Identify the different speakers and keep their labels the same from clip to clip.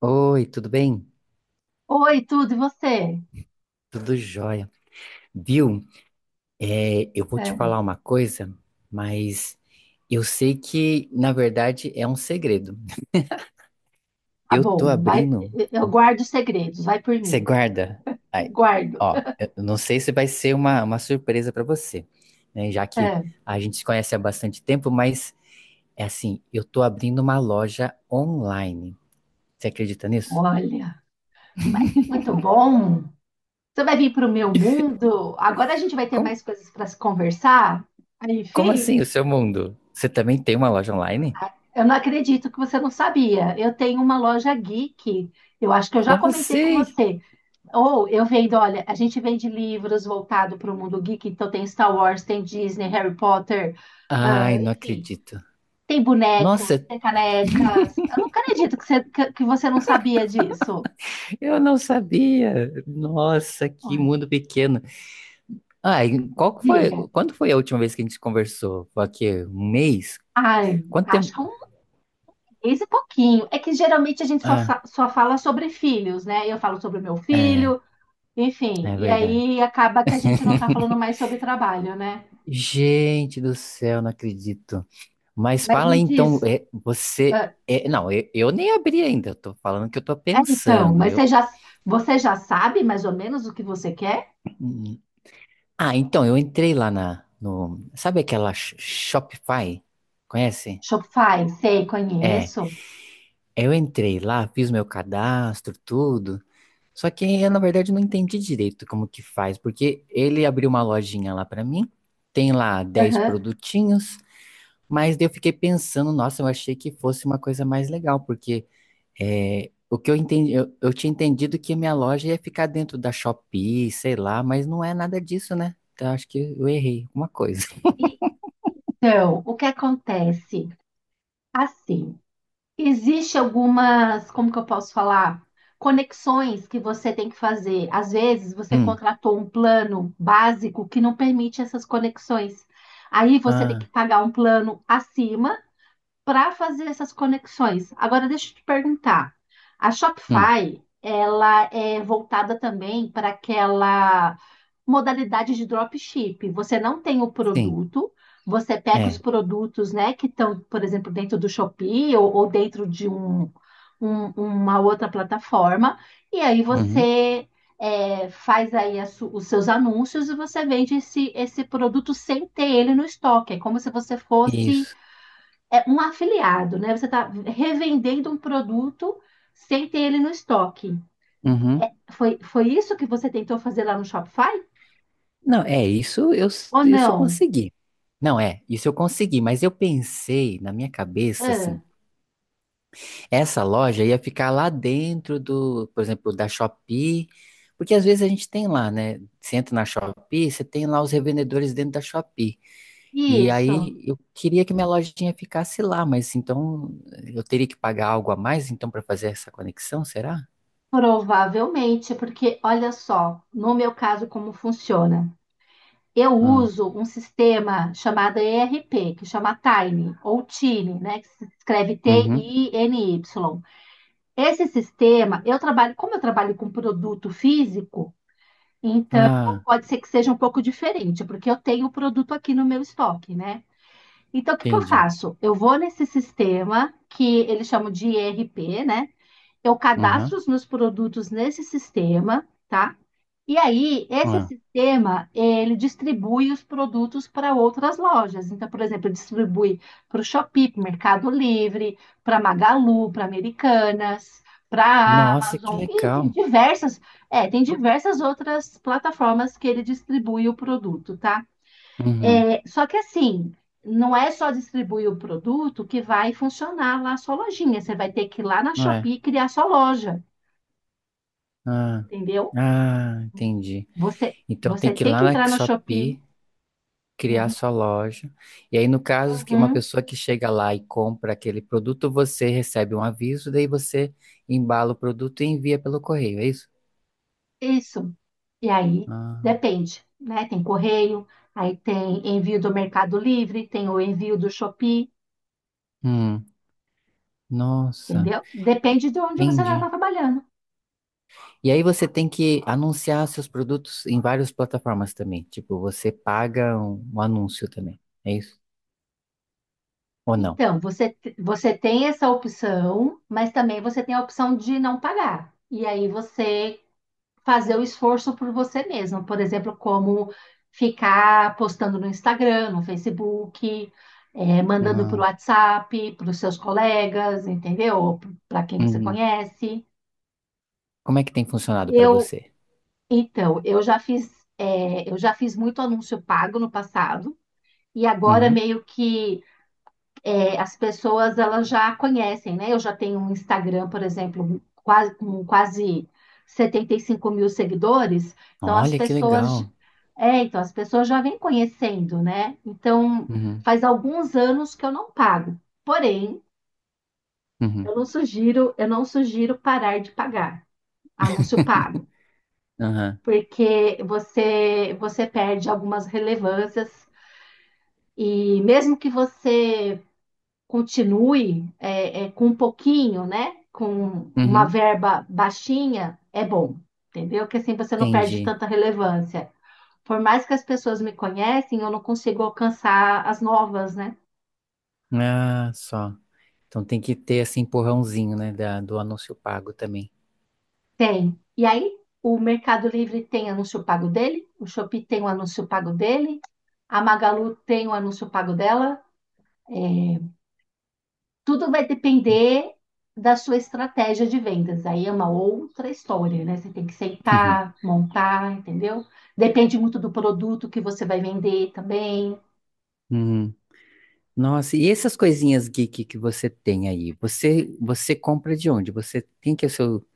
Speaker 1: Oi, tudo bem?
Speaker 2: Oi, tudo, e você?
Speaker 1: Tudo jóia. Viu? É, eu vou te
Speaker 2: É,
Speaker 1: falar uma coisa, mas eu sei que, na verdade, é um segredo.
Speaker 2: tá
Speaker 1: Eu tô
Speaker 2: bom, vai,
Speaker 1: abrindo.
Speaker 2: eu guardo os segredos, vai por
Speaker 1: Você
Speaker 2: mim,
Speaker 1: guarda? Ai,
Speaker 2: guardo.
Speaker 1: ó, eu não sei se vai ser uma surpresa pra você, né? Já que
Speaker 2: É,
Speaker 1: a gente se conhece há bastante tempo, mas é assim, eu tô abrindo uma loja online. Você acredita nisso?
Speaker 2: Olha, mas é muito bom. Você vai vir para o meu mundo? Agora a gente vai ter
Speaker 1: Como,
Speaker 2: mais coisas para se conversar? Aí,
Speaker 1: como
Speaker 2: Fih,
Speaker 1: assim, o seu mundo? Você também tem uma loja online?
Speaker 2: eu não acredito que você não sabia. Eu tenho uma loja geek, eu acho que eu já
Speaker 1: Como
Speaker 2: comentei com
Speaker 1: assim?
Speaker 2: você. Ou eu vendo, olha, a gente vende livros voltado para o mundo geek, então tem Star Wars, tem Disney, Harry Potter, ah,
Speaker 1: Ai, não
Speaker 2: enfim.
Speaker 1: acredito.
Speaker 2: Tem bonecos,
Speaker 1: Nossa,
Speaker 2: tem canecas. Eu não acredito que você, que você não sabia disso.
Speaker 1: eu não sabia. Nossa, que
Speaker 2: Olha,
Speaker 1: mundo pequeno. Ah, e qual que foi?
Speaker 2: diga.
Speaker 1: Quando foi a última vez que a gente conversou? Foi aqui, um mês?
Speaker 2: Ai,
Speaker 1: Quanto
Speaker 2: acho que é
Speaker 1: tempo?
Speaker 2: um mês e pouquinho. É que geralmente a gente só,
Speaker 1: Ah,
Speaker 2: só fala sobre filhos, né? Eu falo sobre o meu
Speaker 1: é,
Speaker 2: filho, enfim.
Speaker 1: é
Speaker 2: E
Speaker 1: verdade.
Speaker 2: aí acaba que a gente não tá falando mais sobre trabalho, né?
Speaker 1: Gente do céu, não acredito. Mas
Speaker 2: Mas
Speaker 1: fala
Speaker 2: me
Speaker 1: aí, então,
Speaker 2: diz, ah,
Speaker 1: não, eu nem abri ainda. Eu tô falando que eu tô
Speaker 2: é então,
Speaker 1: pensando.
Speaker 2: mas você já, você já sabe mais ou menos o que você quer?
Speaker 1: Então eu entrei lá na no, sabe aquela Shopify? Conhece?
Speaker 2: Shopify, sei,
Speaker 1: É,
Speaker 2: conheço.
Speaker 1: eu entrei lá, fiz meu cadastro, tudo. Só que eu, na verdade, não entendi direito como que faz, porque ele abriu uma lojinha lá pra mim, tem lá dez
Speaker 2: Aham.
Speaker 1: produtinhos, mas daí eu fiquei pensando, nossa, eu achei que fosse uma coisa mais legal, porque o que eu entendi, eu tinha entendido que minha loja ia ficar dentro da Shopee, sei lá, mas não é nada disso, né? Então acho que eu errei alguma coisa.
Speaker 2: Então, o que acontece? Assim. Existe algumas, como que eu posso falar? Conexões que você tem que fazer. Às vezes você
Speaker 1: Hum,
Speaker 2: contratou um plano básico que não permite essas conexões. Aí você tem que
Speaker 1: ah,
Speaker 2: pagar um plano acima para fazer essas conexões. Agora, deixa eu te perguntar. A
Speaker 1: hum,
Speaker 2: Shopify, ela é voltada também para aquela modalidade de dropship. Você não tem o
Speaker 1: sim,
Speaker 2: produto, você pega os
Speaker 1: é,
Speaker 2: produtos, né, que estão, por exemplo, dentro do Shopee ou dentro de uma outra plataforma, e aí
Speaker 1: uhum,
Speaker 2: você faz aí os seus anúncios e você vende esse, esse produto sem ter ele no estoque. É como se você fosse
Speaker 1: isso,
Speaker 2: um afiliado, né? Você está revendendo um produto sem ter ele no estoque.
Speaker 1: uhum.
Speaker 2: Foi isso que você tentou fazer lá no Shopify?
Speaker 1: Não,
Speaker 2: Ou
Speaker 1: isso eu
Speaker 2: não?
Speaker 1: consegui. Não, é, isso eu consegui, mas eu pensei na minha cabeça
Speaker 2: Ah,
Speaker 1: assim, essa loja ia ficar lá dentro do, por exemplo, da Shopee, porque às vezes a gente tem lá, né? Você entra na Shopee, você tem lá os revendedores dentro da Shopee. E
Speaker 2: isso,
Speaker 1: aí eu queria que minha lojinha ficasse lá, mas então eu teria que pagar algo a mais então para fazer essa conexão, será?
Speaker 2: provavelmente, porque olha só, no meu caso, como funciona. Eu
Speaker 1: Ah,
Speaker 2: uso um sistema chamado ERP, que chama Tiny ou Tiny, né? Que se escreve
Speaker 1: uhum.
Speaker 2: Tiny. Esse sistema, eu trabalho, como eu trabalho com produto físico. Então,
Speaker 1: Ah,
Speaker 2: pode ser que seja um pouco diferente, porque eu tenho o produto aqui no meu estoque, né? Então, o que que eu
Speaker 1: entendi.
Speaker 2: faço? Eu vou nesse sistema que eles chamam de ERP, né? Eu cadastro
Speaker 1: Uhum.
Speaker 2: os meus produtos nesse sistema, tá? E aí, esse
Speaker 1: Ah.
Speaker 2: sistema, ele distribui os produtos para outras lojas. Então, por exemplo, ele distribui para o Shopee, para o Mercado Livre, para Magalu, para Americanas, para a
Speaker 1: Nossa, que
Speaker 2: Amazon, e tem
Speaker 1: legal.
Speaker 2: diversas, tem diversas outras plataformas que ele distribui o produto, tá?
Speaker 1: Uhum.
Speaker 2: Só que assim, não é só distribuir o produto que vai funcionar lá a sua lojinha. Você vai ter que ir lá na
Speaker 1: Não é?
Speaker 2: Shopee e criar sua loja,
Speaker 1: Ah,
Speaker 2: entendeu?
Speaker 1: ah, entendi.
Speaker 2: Você,
Speaker 1: Então tem
Speaker 2: você
Speaker 1: que ir
Speaker 2: tem
Speaker 1: lá
Speaker 2: que
Speaker 1: na
Speaker 2: entrar na Shopee.
Speaker 1: Shopee, criar
Speaker 2: Uhum,
Speaker 1: sua loja. E aí, no caso, que uma
Speaker 2: uhum,
Speaker 1: pessoa que chega lá e compra aquele produto, você recebe um aviso, daí você embala o produto e envia pelo correio, é isso?
Speaker 2: isso. E aí,
Speaker 1: Ah,
Speaker 2: depende, né? Tem correio, aí tem envio do Mercado Livre, tem o envio do Shopee,
Speaker 1: hum, nossa,
Speaker 2: entendeu? Depende de onde você está
Speaker 1: entendi.
Speaker 2: trabalhando.
Speaker 1: E aí você tem que anunciar seus produtos em várias plataformas também. Tipo, você paga um anúncio também, é isso? Ou não?
Speaker 2: Então, você, você tem essa opção, mas também você tem a opção de não pagar. E aí você fazer o esforço por você mesmo. Por exemplo, como ficar postando no Instagram, no Facebook, mandando por
Speaker 1: Ah,
Speaker 2: WhatsApp, para os seus colegas, entendeu? Para quem você
Speaker 1: uhum.
Speaker 2: conhece.
Speaker 1: Como é que tem funcionado para
Speaker 2: Eu,
Speaker 1: você?
Speaker 2: então, eu já fiz muito anúncio pago no passado. E agora
Speaker 1: Uhum.
Speaker 2: meio que as pessoas elas já conhecem, né? Eu já tenho um Instagram, por exemplo, quase, com quase 75 mil seguidores, então as
Speaker 1: Olha que
Speaker 2: pessoas
Speaker 1: legal.
Speaker 2: então as pessoas já vêm conhecendo, né? Então
Speaker 1: Uhum,
Speaker 2: faz alguns anos que eu não pago. Porém, eu
Speaker 1: uhum,
Speaker 2: não sugiro, eu não sugiro parar de pagar anúncio pago,
Speaker 1: aham,
Speaker 2: porque você perde algumas relevâncias e mesmo que você continue com um pouquinho, né? Com uma
Speaker 1: uhum,
Speaker 2: verba baixinha, é bom, entendeu? Que assim você não perde
Speaker 1: entendi.
Speaker 2: tanta relevância. Por mais que as pessoas me conhecem, eu não consigo alcançar as novas, né?
Speaker 1: Ah, só. Então tem que ter esse empurrãozinho, né, da, do anúncio pago também.
Speaker 2: Tem. E aí, o Mercado Livre tem anúncio pago dele, o Shopee tem o anúncio pago dele, a Magalu tem o anúncio pago dela, é, tudo vai depender da sua estratégia de vendas. Aí é uma outra história, né? Você tem que
Speaker 1: Uhum,
Speaker 2: sentar, montar, entendeu? Depende muito do produto que você vai vender também.
Speaker 1: uhum. Nossa, e essas coisinhas geek que você tem aí? Você você compra de onde? Você tem que é o seu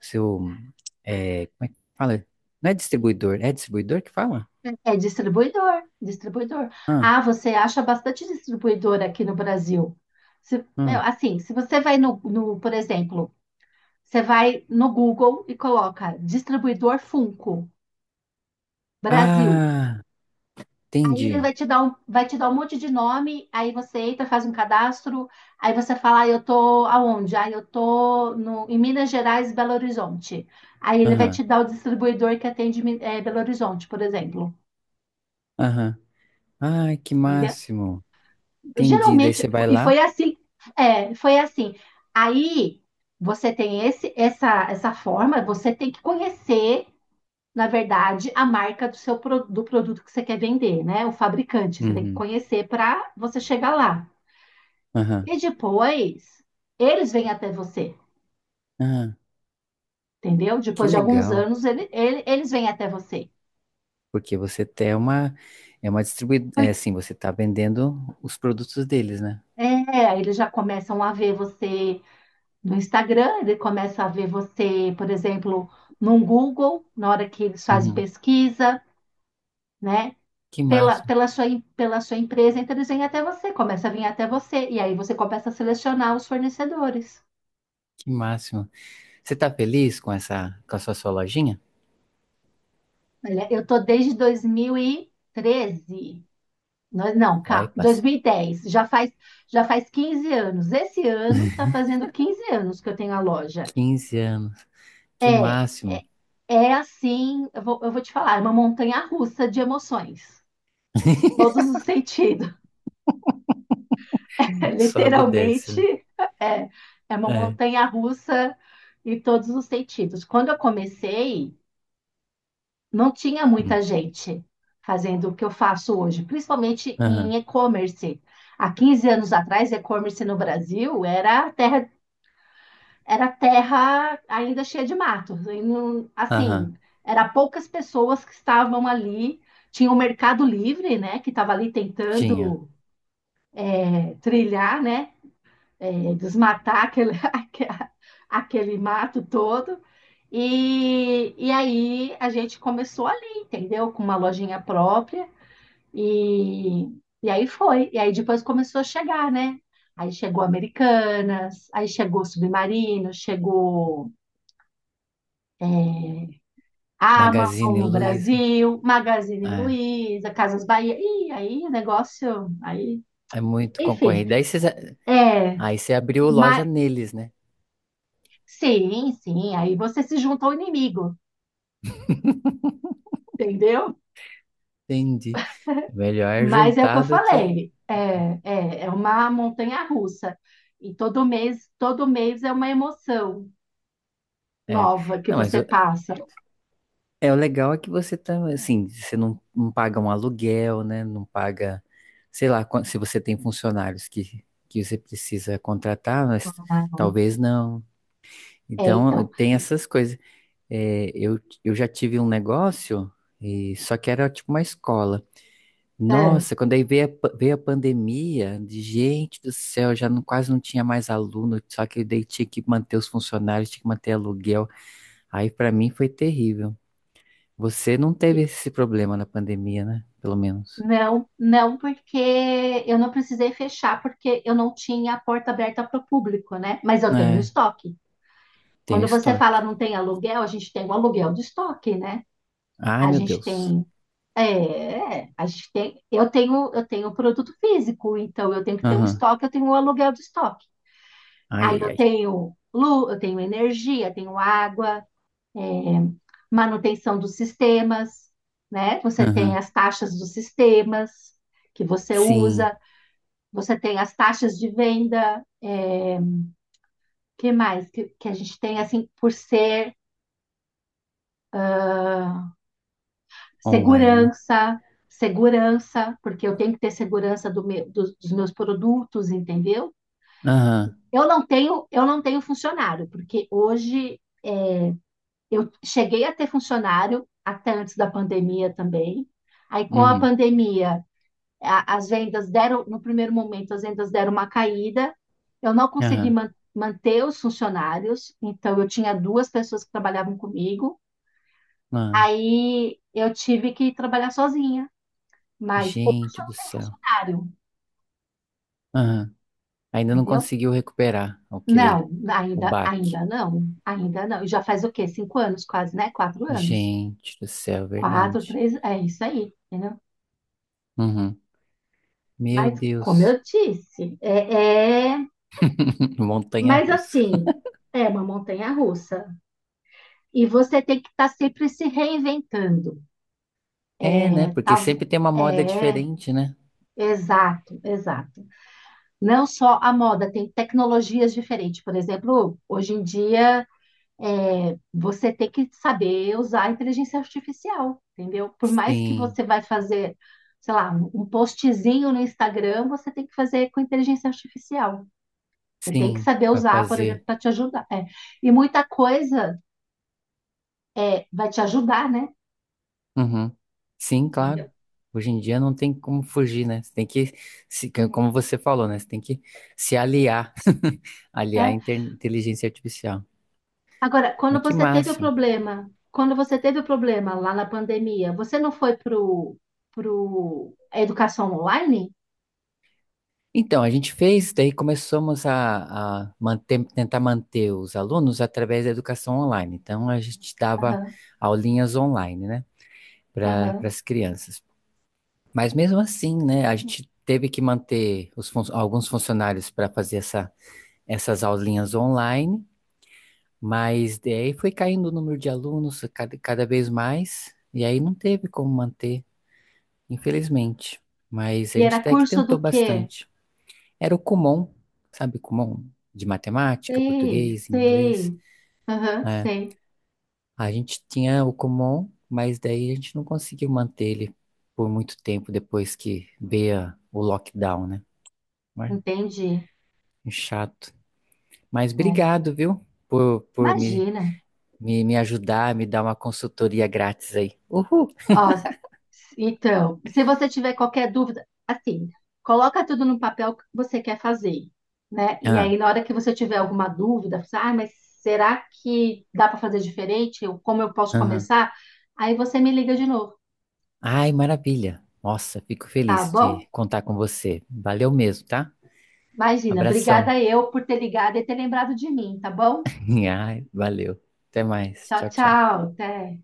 Speaker 1: seu é, como é que fala? Não é distribuidor, é distribuidor que fala?
Speaker 2: É distribuidor, distribuidor.
Speaker 1: Ah,
Speaker 2: Ah, você acha bastante distribuidor aqui no Brasil. Meu,
Speaker 1: ah,
Speaker 2: assim, se você vai no, por exemplo, você vai no Google e coloca distribuidor Funko, Brasil.
Speaker 1: ah,
Speaker 2: Ele
Speaker 1: entendi.
Speaker 2: vai te dar um, vai te dar um monte de nome, aí você entra, faz um cadastro, aí você fala, ah, eu tô aonde? Ah, eu tô no, em Minas Gerais, Belo Horizonte. Aí ele vai
Speaker 1: Aham,
Speaker 2: te dar o distribuidor que atende Belo Horizonte, por exemplo.
Speaker 1: aham. Ai, que
Speaker 2: Entendeu?
Speaker 1: máximo. Entendi. Daí
Speaker 2: Geralmente,
Speaker 1: você vai
Speaker 2: e
Speaker 1: lá.
Speaker 2: foi assim, foi assim. Aí você tem essa forma, você tem que conhecer, na verdade, a marca do seu do produto que você quer vender, né? O fabricante, você tem que
Speaker 1: Uhum.
Speaker 2: conhecer para você chegar lá.
Speaker 1: Aham.
Speaker 2: E depois, eles vêm até você,
Speaker 1: Ah,
Speaker 2: entendeu?
Speaker 1: que
Speaker 2: Depois de alguns
Speaker 1: legal,
Speaker 2: anos, eles vêm até você.
Speaker 1: porque você tem é uma distribuidora, é
Speaker 2: Por-
Speaker 1: assim, você tá vendendo os produtos deles, né?
Speaker 2: É, eles já começam a ver você no Instagram, ele começa a ver você, por exemplo, no Google, na hora que eles fazem
Speaker 1: Uhum.
Speaker 2: pesquisa, né?
Speaker 1: Que
Speaker 2: Pela,
Speaker 1: máximo,
Speaker 2: pela sua, em- pela sua empresa, então eles vêm até você, começa a vir até você, e aí você começa a selecionar os fornecedores.
Speaker 1: que máximo. Você tá feliz com essa, com a sua, sua lojinha?
Speaker 2: Olha, eu tô desde 2013. Não, não,
Speaker 1: Olha, passei
Speaker 2: 2010, já faz 15 anos. Esse ano está fazendo 15 anos que eu tenho a loja.
Speaker 1: 15 anos, que
Speaker 2: É,
Speaker 1: máximo.
Speaker 2: é, é assim, eu vou te falar, é uma montanha russa de emoções, todos os sentidos.
Speaker 1: Sobe e desce,
Speaker 2: Literalmente,
Speaker 1: né?
Speaker 2: é, é uma
Speaker 1: É.
Speaker 2: montanha russa em todos os sentidos. Quando eu comecei, não tinha
Speaker 1: Hum.
Speaker 2: muita gente fazendo o que eu faço hoje, principalmente
Speaker 1: Aham,
Speaker 2: em e-commerce. Há 15 anos atrás, e-commerce no Brasil era terra ainda cheia de matos. E
Speaker 1: aham,
Speaker 2: assim, era poucas pessoas que estavam ali. Tinha o Mercado Livre, né, que estava ali
Speaker 1: tinha.
Speaker 2: tentando trilhar, né, desmatar aquele, aquele mato todo. E aí a gente começou ali, entendeu? Com uma lojinha própria. E, e aí foi. E aí depois começou a chegar, né? Aí chegou Americanas, aí chegou Submarino, chegou a Amazon
Speaker 1: Magazine
Speaker 2: no
Speaker 1: Luiza,
Speaker 2: Brasil, Magazine
Speaker 1: é,
Speaker 2: Luiza, Casas Bahia. E aí, negócio, aí,
Speaker 1: é muito
Speaker 2: enfim.
Speaker 1: concorrido.
Speaker 2: É,
Speaker 1: Aí você abriu loja
Speaker 2: mas
Speaker 1: neles, né?
Speaker 2: sim, sim, aí você se junta ao inimigo, entendeu?
Speaker 1: Entendi. É melhor
Speaker 2: Mas é o que eu
Speaker 1: juntar do que...
Speaker 2: falei, é uma montanha russa. E todo mês é uma emoção
Speaker 1: É.
Speaker 2: nova que
Speaker 1: Não,
Speaker 2: você passa.
Speaker 1: é o legal é que você tá, assim, você não, não paga um aluguel, né? Não paga, sei lá, se você tem funcionários que você precisa contratar, mas
Speaker 2: Ah,
Speaker 1: talvez não.
Speaker 2: É,
Speaker 1: Então,
Speaker 2: então,
Speaker 1: tem essas coisas. É, eu já tive um negócio, e só que era tipo uma escola.
Speaker 2: é,
Speaker 1: Nossa, quando aí veio a pandemia, de gente do céu, já não, quase não tinha mais aluno, só que daí tinha que manter os funcionários, tinha que manter aluguel. Aí pra mim foi terrível. Você não teve esse problema na pandemia, né? Pelo menos.
Speaker 2: Não, não, porque eu não precisei fechar, porque eu não tinha a porta aberta para o público, né? Mas eu tenho um
Speaker 1: É,
Speaker 2: estoque.
Speaker 1: tem o
Speaker 2: Quando você fala
Speaker 1: estoque.
Speaker 2: não tem aluguel, a gente tem um aluguel de estoque, né?
Speaker 1: Ai,
Speaker 2: A
Speaker 1: meu
Speaker 2: gente
Speaker 1: Deus.
Speaker 2: tem, a gente tem, eu tenho produto físico, então eu tenho que ter um
Speaker 1: Aham.
Speaker 2: estoque, eu tenho um aluguel de estoque.
Speaker 1: Ai,
Speaker 2: Aí
Speaker 1: ai,
Speaker 2: eu
Speaker 1: ai.
Speaker 2: tenho luz, eu tenho energia, tenho água, é, manutenção dos sistemas, né? Você tem
Speaker 1: Aham.
Speaker 2: as taxas dos sistemas que você
Speaker 1: Sim,
Speaker 2: usa. Você tem as taxas de venda, que mais que a gente tem assim por ser
Speaker 1: online, né?
Speaker 2: segurança, segurança, porque eu tenho que ter segurança do dos meus produtos, entendeu?
Speaker 1: Aham.
Speaker 2: Eu não tenho funcionário, porque hoje eu cheguei a ter funcionário até antes da pandemia também. Aí com a
Speaker 1: Uhum.
Speaker 2: pandemia as vendas deram, no primeiro momento, as vendas deram uma caída. Eu não consegui
Speaker 1: Aham.
Speaker 2: manter os funcionários, então eu tinha duas pessoas que trabalhavam comigo.
Speaker 1: Ai,
Speaker 2: Aí eu tive que trabalhar sozinha, mas hoje
Speaker 1: gente
Speaker 2: eu
Speaker 1: do
Speaker 2: não tenho
Speaker 1: céu.
Speaker 2: funcionário,
Speaker 1: Aham. Ainda não
Speaker 2: entendeu?
Speaker 1: conseguiu recuperar aquele,
Speaker 2: Não,
Speaker 1: o
Speaker 2: ainda,
Speaker 1: baque.
Speaker 2: ainda não, ainda não. E já faz o quê? Cinco anos quase, né? Quatro anos.
Speaker 1: Gente do céu,
Speaker 2: Quatro,
Speaker 1: verdade.
Speaker 2: três, é isso aí, entendeu?
Speaker 1: Uhum. Meu
Speaker 2: Mas, como
Speaker 1: Deus.
Speaker 2: eu disse, mas
Speaker 1: Montanha-russa.
Speaker 2: assim, é uma montanha-russa. E você tem que estar tá sempre se reinventando.
Speaker 1: É, né? Porque
Speaker 2: Tá,
Speaker 1: sempre tem uma moda
Speaker 2: é,
Speaker 1: diferente, né?
Speaker 2: exato, exato. Não só a moda, tem tecnologias diferentes. Por exemplo, hoje em dia, você tem que saber usar a inteligência artificial, entendeu? Por mais que
Speaker 1: Sim,
Speaker 2: você vai fazer, sei lá, um postzinho no Instagram, você tem que fazer com inteligência artificial. Você tem que
Speaker 1: sim,
Speaker 2: saber
Speaker 1: pra
Speaker 2: usar, por exemplo,
Speaker 1: fazer.
Speaker 2: para te ajudar. É. E muita coisa vai te ajudar, né?
Speaker 1: Uhum. Sim, claro. Hoje em dia não tem como fugir, né? Você tem que, se, como você falou, né? Você tem que se aliar, aliar a
Speaker 2: É,
Speaker 1: inteligência artificial.
Speaker 2: Agora,
Speaker 1: Mas que máximo.
Speaker 2: quando você teve o problema lá na pandemia, você não foi pro a educação online?
Speaker 1: Então, a gente fez, daí começamos a tentar manter os alunos através da educação online. Então, a gente dava
Speaker 2: Aham,
Speaker 1: aulinhas online, né? Para
Speaker 2: aham.
Speaker 1: as crianças. Mas mesmo assim, né? A gente teve que manter os alguns funcionários para fazer essas aulinhas online. Mas daí foi caindo o número de alunos cada vez mais, e aí não teve como manter, infelizmente. Mas
Speaker 2: E
Speaker 1: a gente
Speaker 2: era
Speaker 1: até que
Speaker 2: curso
Speaker 1: tentou
Speaker 2: do quê?
Speaker 1: bastante. Era o Kumon, sabe, Kumon de matemática,
Speaker 2: Sei,
Speaker 1: português, inglês,
Speaker 2: sei. Aham,
Speaker 1: né?
Speaker 2: sei.
Speaker 1: A gente tinha o Kumon, mas daí a gente não conseguiu manter ele por muito tempo depois que veio o lockdown, né? Mas,
Speaker 2: Entendi.
Speaker 1: é chato. Mas
Speaker 2: É.
Speaker 1: obrigado, viu, por me,
Speaker 2: Imagina.
Speaker 1: ajudar, me dar uma consultoria grátis aí. Uhul!
Speaker 2: Ó, então, se você tiver qualquer dúvida, assim, coloca tudo no papel que você quer fazer, né? E aí,
Speaker 1: Ah,
Speaker 2: na hora que você tiver alguma dúvida, você, ah, mas será que dá para fazer diferente? Como eu posso
Speaker 1: aham.
Speaker 2: começar? Aí você me liga de novo,
Speaker 1: Ai, maravilha. Nossa, fico
Speaker 2: tá
Speaker 1: feliz
Speaker 2: bom?
Speaker 1: de contar com você. Valeu mesmo, tá?
Speaker 2: Imagina, obrigada
Speaker 1: Abração.
Speaker 2: eu por ter ligado e ter lembrado de mim, tá bom?
Speaker 1: Ai, valeu. Até mais.
Speaker 2: Tchau,
Speaker 1: Tchau, tchau.
Speaker 2: tchau, até.